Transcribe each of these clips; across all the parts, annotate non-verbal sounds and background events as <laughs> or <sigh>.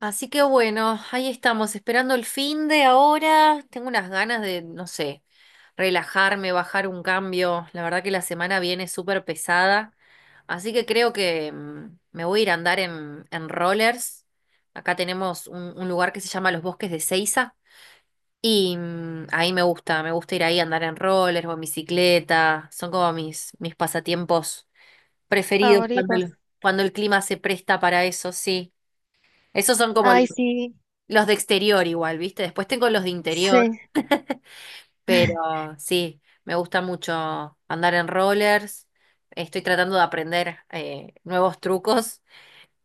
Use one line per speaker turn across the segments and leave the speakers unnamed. Así que bueno, ahí estamos, esperando el fin de ahora. Tengo unas ganas de, no sé, relajarme, bajar un cambio. La verdad que la semana viene súper pesada. Así que creo que me voy a ir a andar en rollers. Acá tenemos un lugar que se llama Los Bosques de Ceiza. Y ahí me gusta ir ahí a andar en rollers o en bicicleta. Son como mis pasatiempos preferidos cuando
Favoritos.
cuando el clima se presta para eso, sí. Esos son como
Ay, sí,
los de exterior igual, ¿viste? Después tengo los de interior,
sí, <laughs>
pero sí, me gusta mucho andar en rollers. Estoy tratando de aprender nuevos trucos.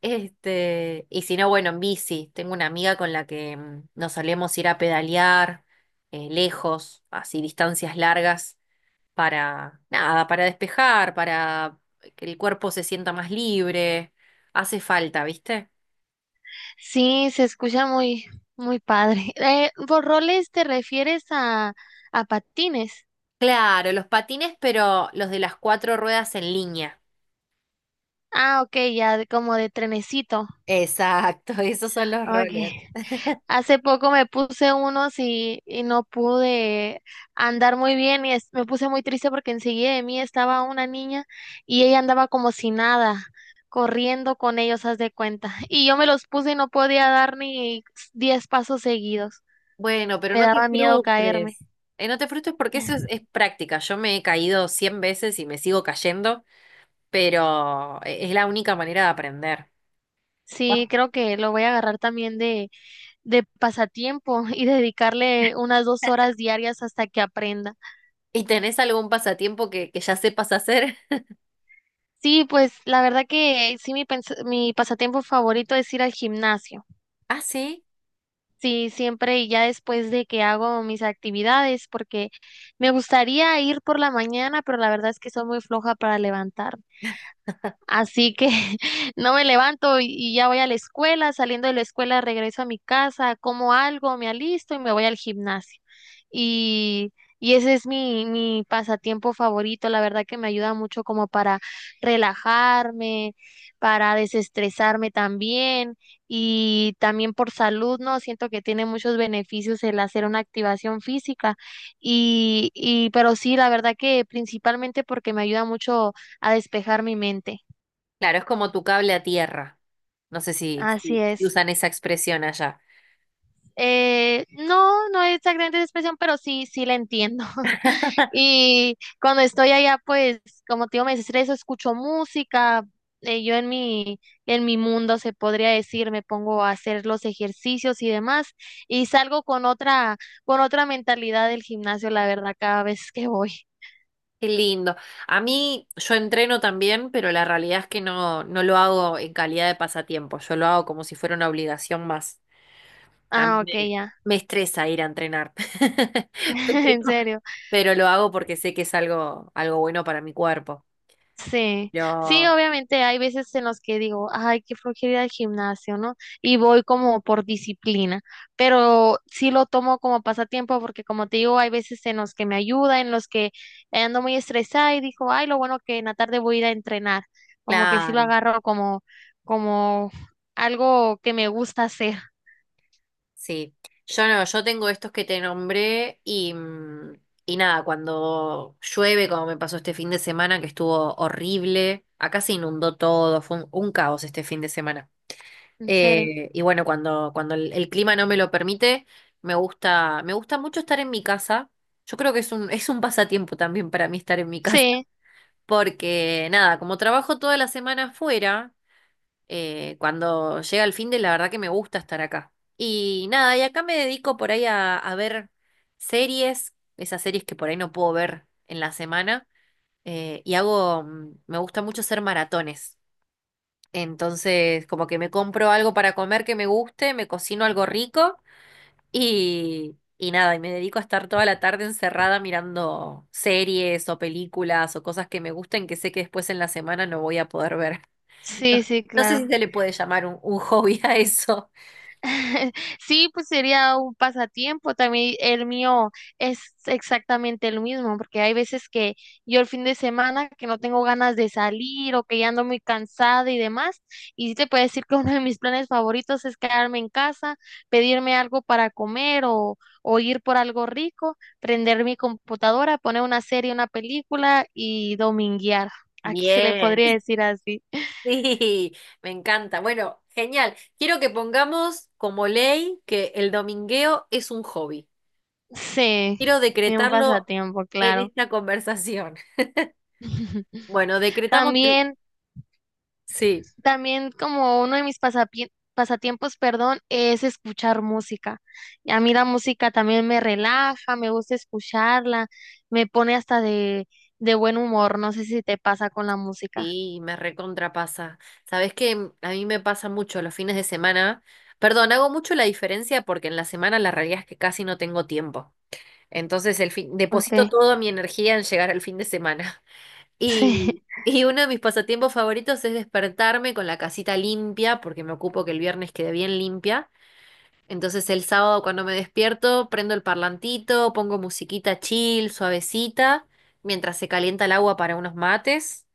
Este, y si no, bueno, en bici. Tengo una amiga con la que nos solemos ir a pedalear lejos, así distancias largas, para nada, para despejar, para que el cuerpo se sienta más libre. Hace falta, ¿viste?
sí, se escucha muy, muy padre. ¿Por roles te refieres a patines?
Claro, los patines, pero los de las cuatro ruedas en línea.
Ah, ok, ya como de trenecito.
Exacto, <laughs> esos son los
Ok.
rollers.
<laughs> Hace poco me puse unos y no pude andar muy bien y me puse muy triste porque enseguida de mí estaba una niña y ella andaba como si nada, corriendo con ellos, haz de cuenta. <laughs> Y yo me los puse y no podía dar ni 10 pasos seguidos.
Bueno, pero
Me
no te
daba miedo caerme.
frustres. No te frustres porque eso es práctica. Yo me he caído 100 veces y me sigo cayendo, pero es la única manera de aprender.
Sí,
Ah.
creo que lo voy a agarrar también de pasatiempo y dedicarle unas 2 horas diarias hasta que aprenda.
¿Y tenés algún pasatiempo que ya sepas hacer? <laughs>
Sí, pues la verdad que sí, mi pasatiempo favorito es ir al gimnasio.
Ah, sí.
Sí, siempre y ya después de que hago mis actividades, porque me gustaría ir por la mañana, pero la verdad es que soy muy floja para levantar. Así que <laughs> no me levanto y ya voy a la escuela, saliendo de la escuela regreso a mi casa, como algo, me alisto y me voy al gimnasio. Y, y ese es mi pasatiempo favorito, la verdad que me ayuda mucho como para relajarme, para desestresarme también y también por salud, ¿no? Siento que tiene muchos beneficios el hacer una activación física y pero sí, la verdad que principalmente porque me ayuda mucho a despejar mi mente.
Claro, es como tu cable a tierra. No sé si,
Así
si si
es.
usan esa expresión allá.
No, no es esa gran expresión, pero sí, sí la entiendo. <laughs>
<laughs>
Y cuando estoy allá, pues, como te digo, me estreso, escucho música. Yo en mi, mundo, se podría decir, me pongo a hacer los ejercicios y demás, y salgo con otra mentalidad del gimnasio, la verdad, cada vez que voy.
Qué lindo. A mí, yo entreno también, pero la realidad es que no, no lo hago en calidad de pasatiempo. Yo lo hago como si fuera una obligación más. A mí
Ah, ok,
me,
ya.
me estresa ir a entrenar, <laughs>
<laughs> En
pero,
serio.
pero lo hago porque sé que es algo, algo bueno para mi cuerpo.
Sí, sí,
Yo,
obviamente hay veces en los que digo, ay, qué flojera ir al gimnasio, ¿no? Y voy como por disciplina, pero sí lo tomo como pasatiempo porque como te digo, hay veces en los que me ayuda, en los que ando muy estresada y digo, ay, lo bueno que en la tarde voy a ir a entrenar, como que sí lo
claro,
agarro como algo que me gusta hacer,
sí. Yo no, yo tengo estos que te nombré y nada, cuando llueve, como me pasó este fin de semana, que estuvo horrible, acá se inundó todo, fue un caos este fin de semana.
en serio.
Y bueno, cuando, el clima no me lo permite, me gusta mucho estar en mi casa. Yo creo que es un, <laughs> es un pasatiempo también para mí estar en mi casa,
Sí,
<laughs> porque nada, como trabajo toda la semana afuera, cuando llega el fin de, la verdad que me gusta estar acá. Y nada, y acá me dedico por ahí a ver series, esas series que por ahí no puedo ver en la semana, me gusta mucho hacer maratones. Entonces, como que me compro algo para comer que me guste, me cocino algo rico y nada, y me dedico a estar toda la tarde encerrada mirando series o películas o cosas que me gusten que sé que después en la semana no voy a poder ver. <laughs> No,
sí, sí,
no sé
claro.
si se le puede llamar un hobby a eso.
<laughs> Sí, pues sería un pasatiempo. También el mío es exactamente lo mismo, porque hay veces que yo el fin de semana que no tengo ganas de salir o que ya ando muy cansada y demás. Y sí te puedo decir que <laughs> uno de mis planes favoritos es quedarme en casa, pedirme algo para comer o ir por algo rico, prender mi computadora, poner una serie, una película y dominguear. Aquí se le
Bien,
podría
<laughs>
decir así. <laughs>
sí, me encanta. Bueno, genial. Quiero que pongamos como ley que el domingueo es un hobby.
Sí,
Quiero
es un
decretarlo
pasatiempo,
en
claro.
esta conversación.
<laughs>
Bueno, decretamos el
También,
Sí,
también como uno de mis pasatiempos, perdón, es escuchar música. Y a mí la música también me relaja, me gusta escucharla, me pone hasta de, buen humor. No sé si te pasa con la música.
sí, me recontrapasa. Sabes que a mí me pasa mucho los fines de semana. Perdón, hago mucho la diferencia porque en la semana la realidad es que casi no tengo tiempo. Entonces el fin, deposito
Okay.
toda mi energía en llegar al fin de semana. <laughs>
Sí,
Y, y uno de mis pasatiempos favoritos es despertarme con la casita limpia, porque me ocupo que el viernes quede bien limpia. Entonces el sábado cuando me despierto, prendo el parlantito, pongo musiquita chill, suavecita, mientras se calienta el agua para unos mates.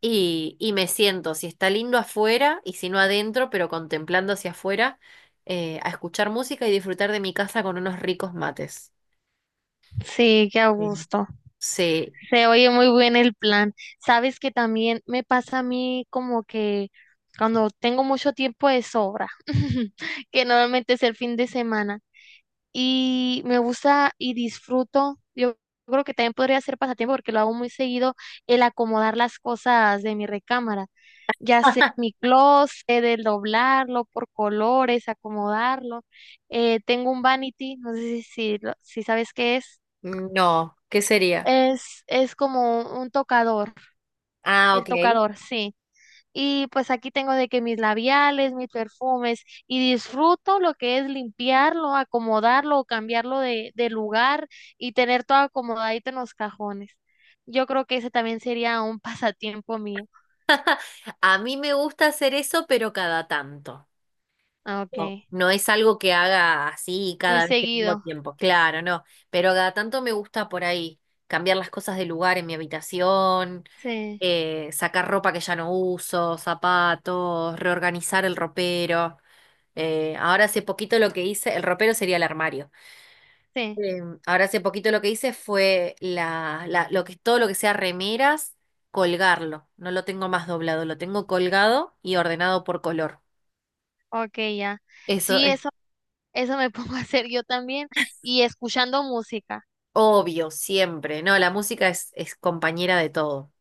Y me siento, si está lindo afuera y si no adentro, pero contemplando hacia afuera, a escuchar música y disfrutar de mi casa con unos ricos mates.
<laughs> sí, qué a
Sí.
gusto.
Sí,
Se oye muy bien el plan. Sabes que también me pasa a mí como que cuando tengo mucho tiempo de sobra, <laughs> que normalmente es el fin de semana. Y me gusta y disfruto. Yo creo que también podría ser pasatiempo porque lo hago muy seguido, el acomodar las cosas de mi recámara, ya sea mi closet, el doblarlo por colores, acomodarlo. Tengo un vanity, no sé si sabes qué es.
no, ¿qué sería?
Es como un tocador,
Ah,
el
ok.
tocador, sí. Y pues aquí tengo de que mis labiales, mis perfumes, y disfruto lo que es limpiarlo, acomodarlo o cambiarlo de, lugar y tener todo acomodadito en los cajones. Yo creo que ese también sería un <laughs> pasatiempo mío.
A mí me gusta hacer eso, pero cada tanto.
Ah,
No,
okay,
no es algo que haga así
muy
cada vez que tengo
seguido.
tiempo, claro, no, pero cada tanto me gusta por ahí cambiar las cosas de lugar en mi habitación,
Sí,
sacar ropa que ya no uso, zapatos, reorganizar el ropero. Ahora hace poquito lo que hice, el ropero sería el armario.
sí,
Eh, ahora hace poquito lo que hice fue lo que, todo lo que sea remeras, colgarlo. No lo tengo más doblado, lo tengo colgado y ordenado por color.
okay, ya.
Eso
Sí, eso me <laughs> pongo a hacer yo también y escuchando música.
Obvio, siempre. No, la música es compañera de todo.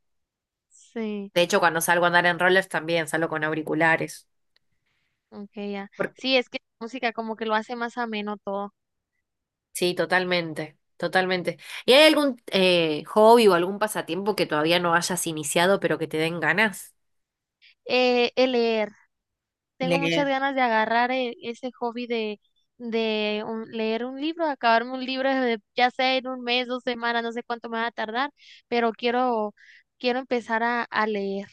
Sí,
De hecho, cuando salgo a andar en rollers también salgo con auriculares.
okay, ya.
Porque-
Sí, es que la música como que lo hace más ameno todo.
sí, totalmente, totalmente. ¿Y hay algún hobby o algún pasatiempo que todavía no hayas iniciado pero que te den ganas?
El leer. Tengo muchas
Leer.
ganas de agarrar ese hobby de leer un libro, acabarme un libro, ya sea en un mes, 2 semanas, no sé cuánto me va a tardar, pero quiero empezar a leer,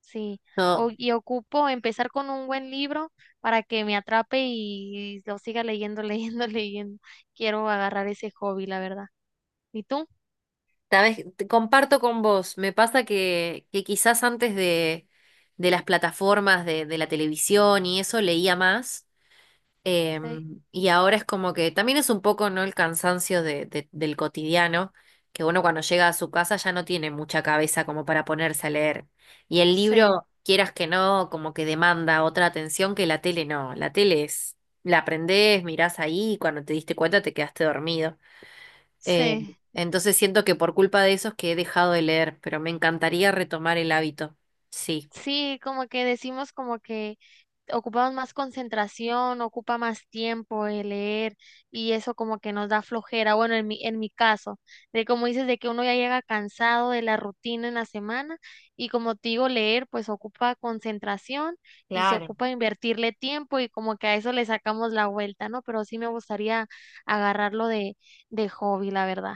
sí.
No,
Y ocupo empezar con un buen libro para que me atrape y lo siga leyendo, <laughs> leyendo, leyendo. Quiero agarrar ese hobby, la verdad. ¿Y tú?
sabes, te comparto con vos. Me pasa que quizás antes de las plataformas de la televisión y eso leía más.
Sí,
Y ahora es como que también es un poco, ¿no? El cansancio del cotidiano, que uno cuando llega a su casa ya no tiene mucha cabeza como para ponerse a leer. Y el
sí,
libro, quieras que no, como que demanda otra atención que la tele no. La tele es, la aprendés, mirás ahí y cuando te diste cuenta te quedaste dormido. Eh,
sí.
entonces siento que por culpa de eso es que he dejado de leer, pero me encantaría retomar el hábito. Sí.
Sí, como que decimos como que ocupamos más concentración, ocupa más tiempo el leer y eso como que nos da flojera, bueno, en mi, caso, de como dices, de que uno ya llega cansado de la rutina en la semana y como te digo, leer pues ocupa concentración y se
Claro.
ocupa invertirle tiempo y como que a eso le sacamos la vuelta, ¿no? Pero sí me gustaría agarrarlo de hobby, la verdad.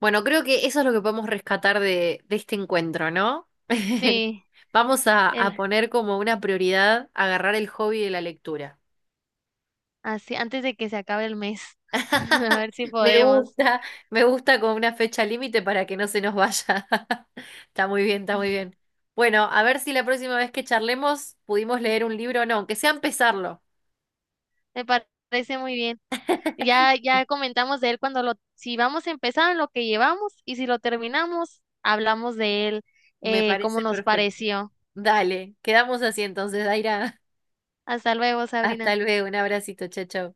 Bueno, creo que eso es lo que podemos rescatar de este encuentro, ¿no? <laughs>
Sí,
Vamos a
el,
poner como una prioridad agarrar el hobby de la lectura.
así, antes de que se acabe el mes, <laughs> a
<laughs>
ver si
Me
podemos.
gusta, me gusta con una fecha límite para que no se nos vaya. <laughs> Está muy bien, está muy bien.
<laughs>
Bueno, a ver si la próxima vez que charlemos pudimos leer un libro o no, aunque sea empezarlo.
Me parece muy bien. Ya,
<laughs>
ya comentamos de él cuando si vamos a empezar en lo que llevamos y si lo terminamos, hablamos de él,
Me
cómo
parece
nos
perfecto.
pareció.
Dale, quedamos así entonces, Daira.
Hasta luego,
<laughs>
Sabrina.
Hasta luego, un abracito, chao, chao.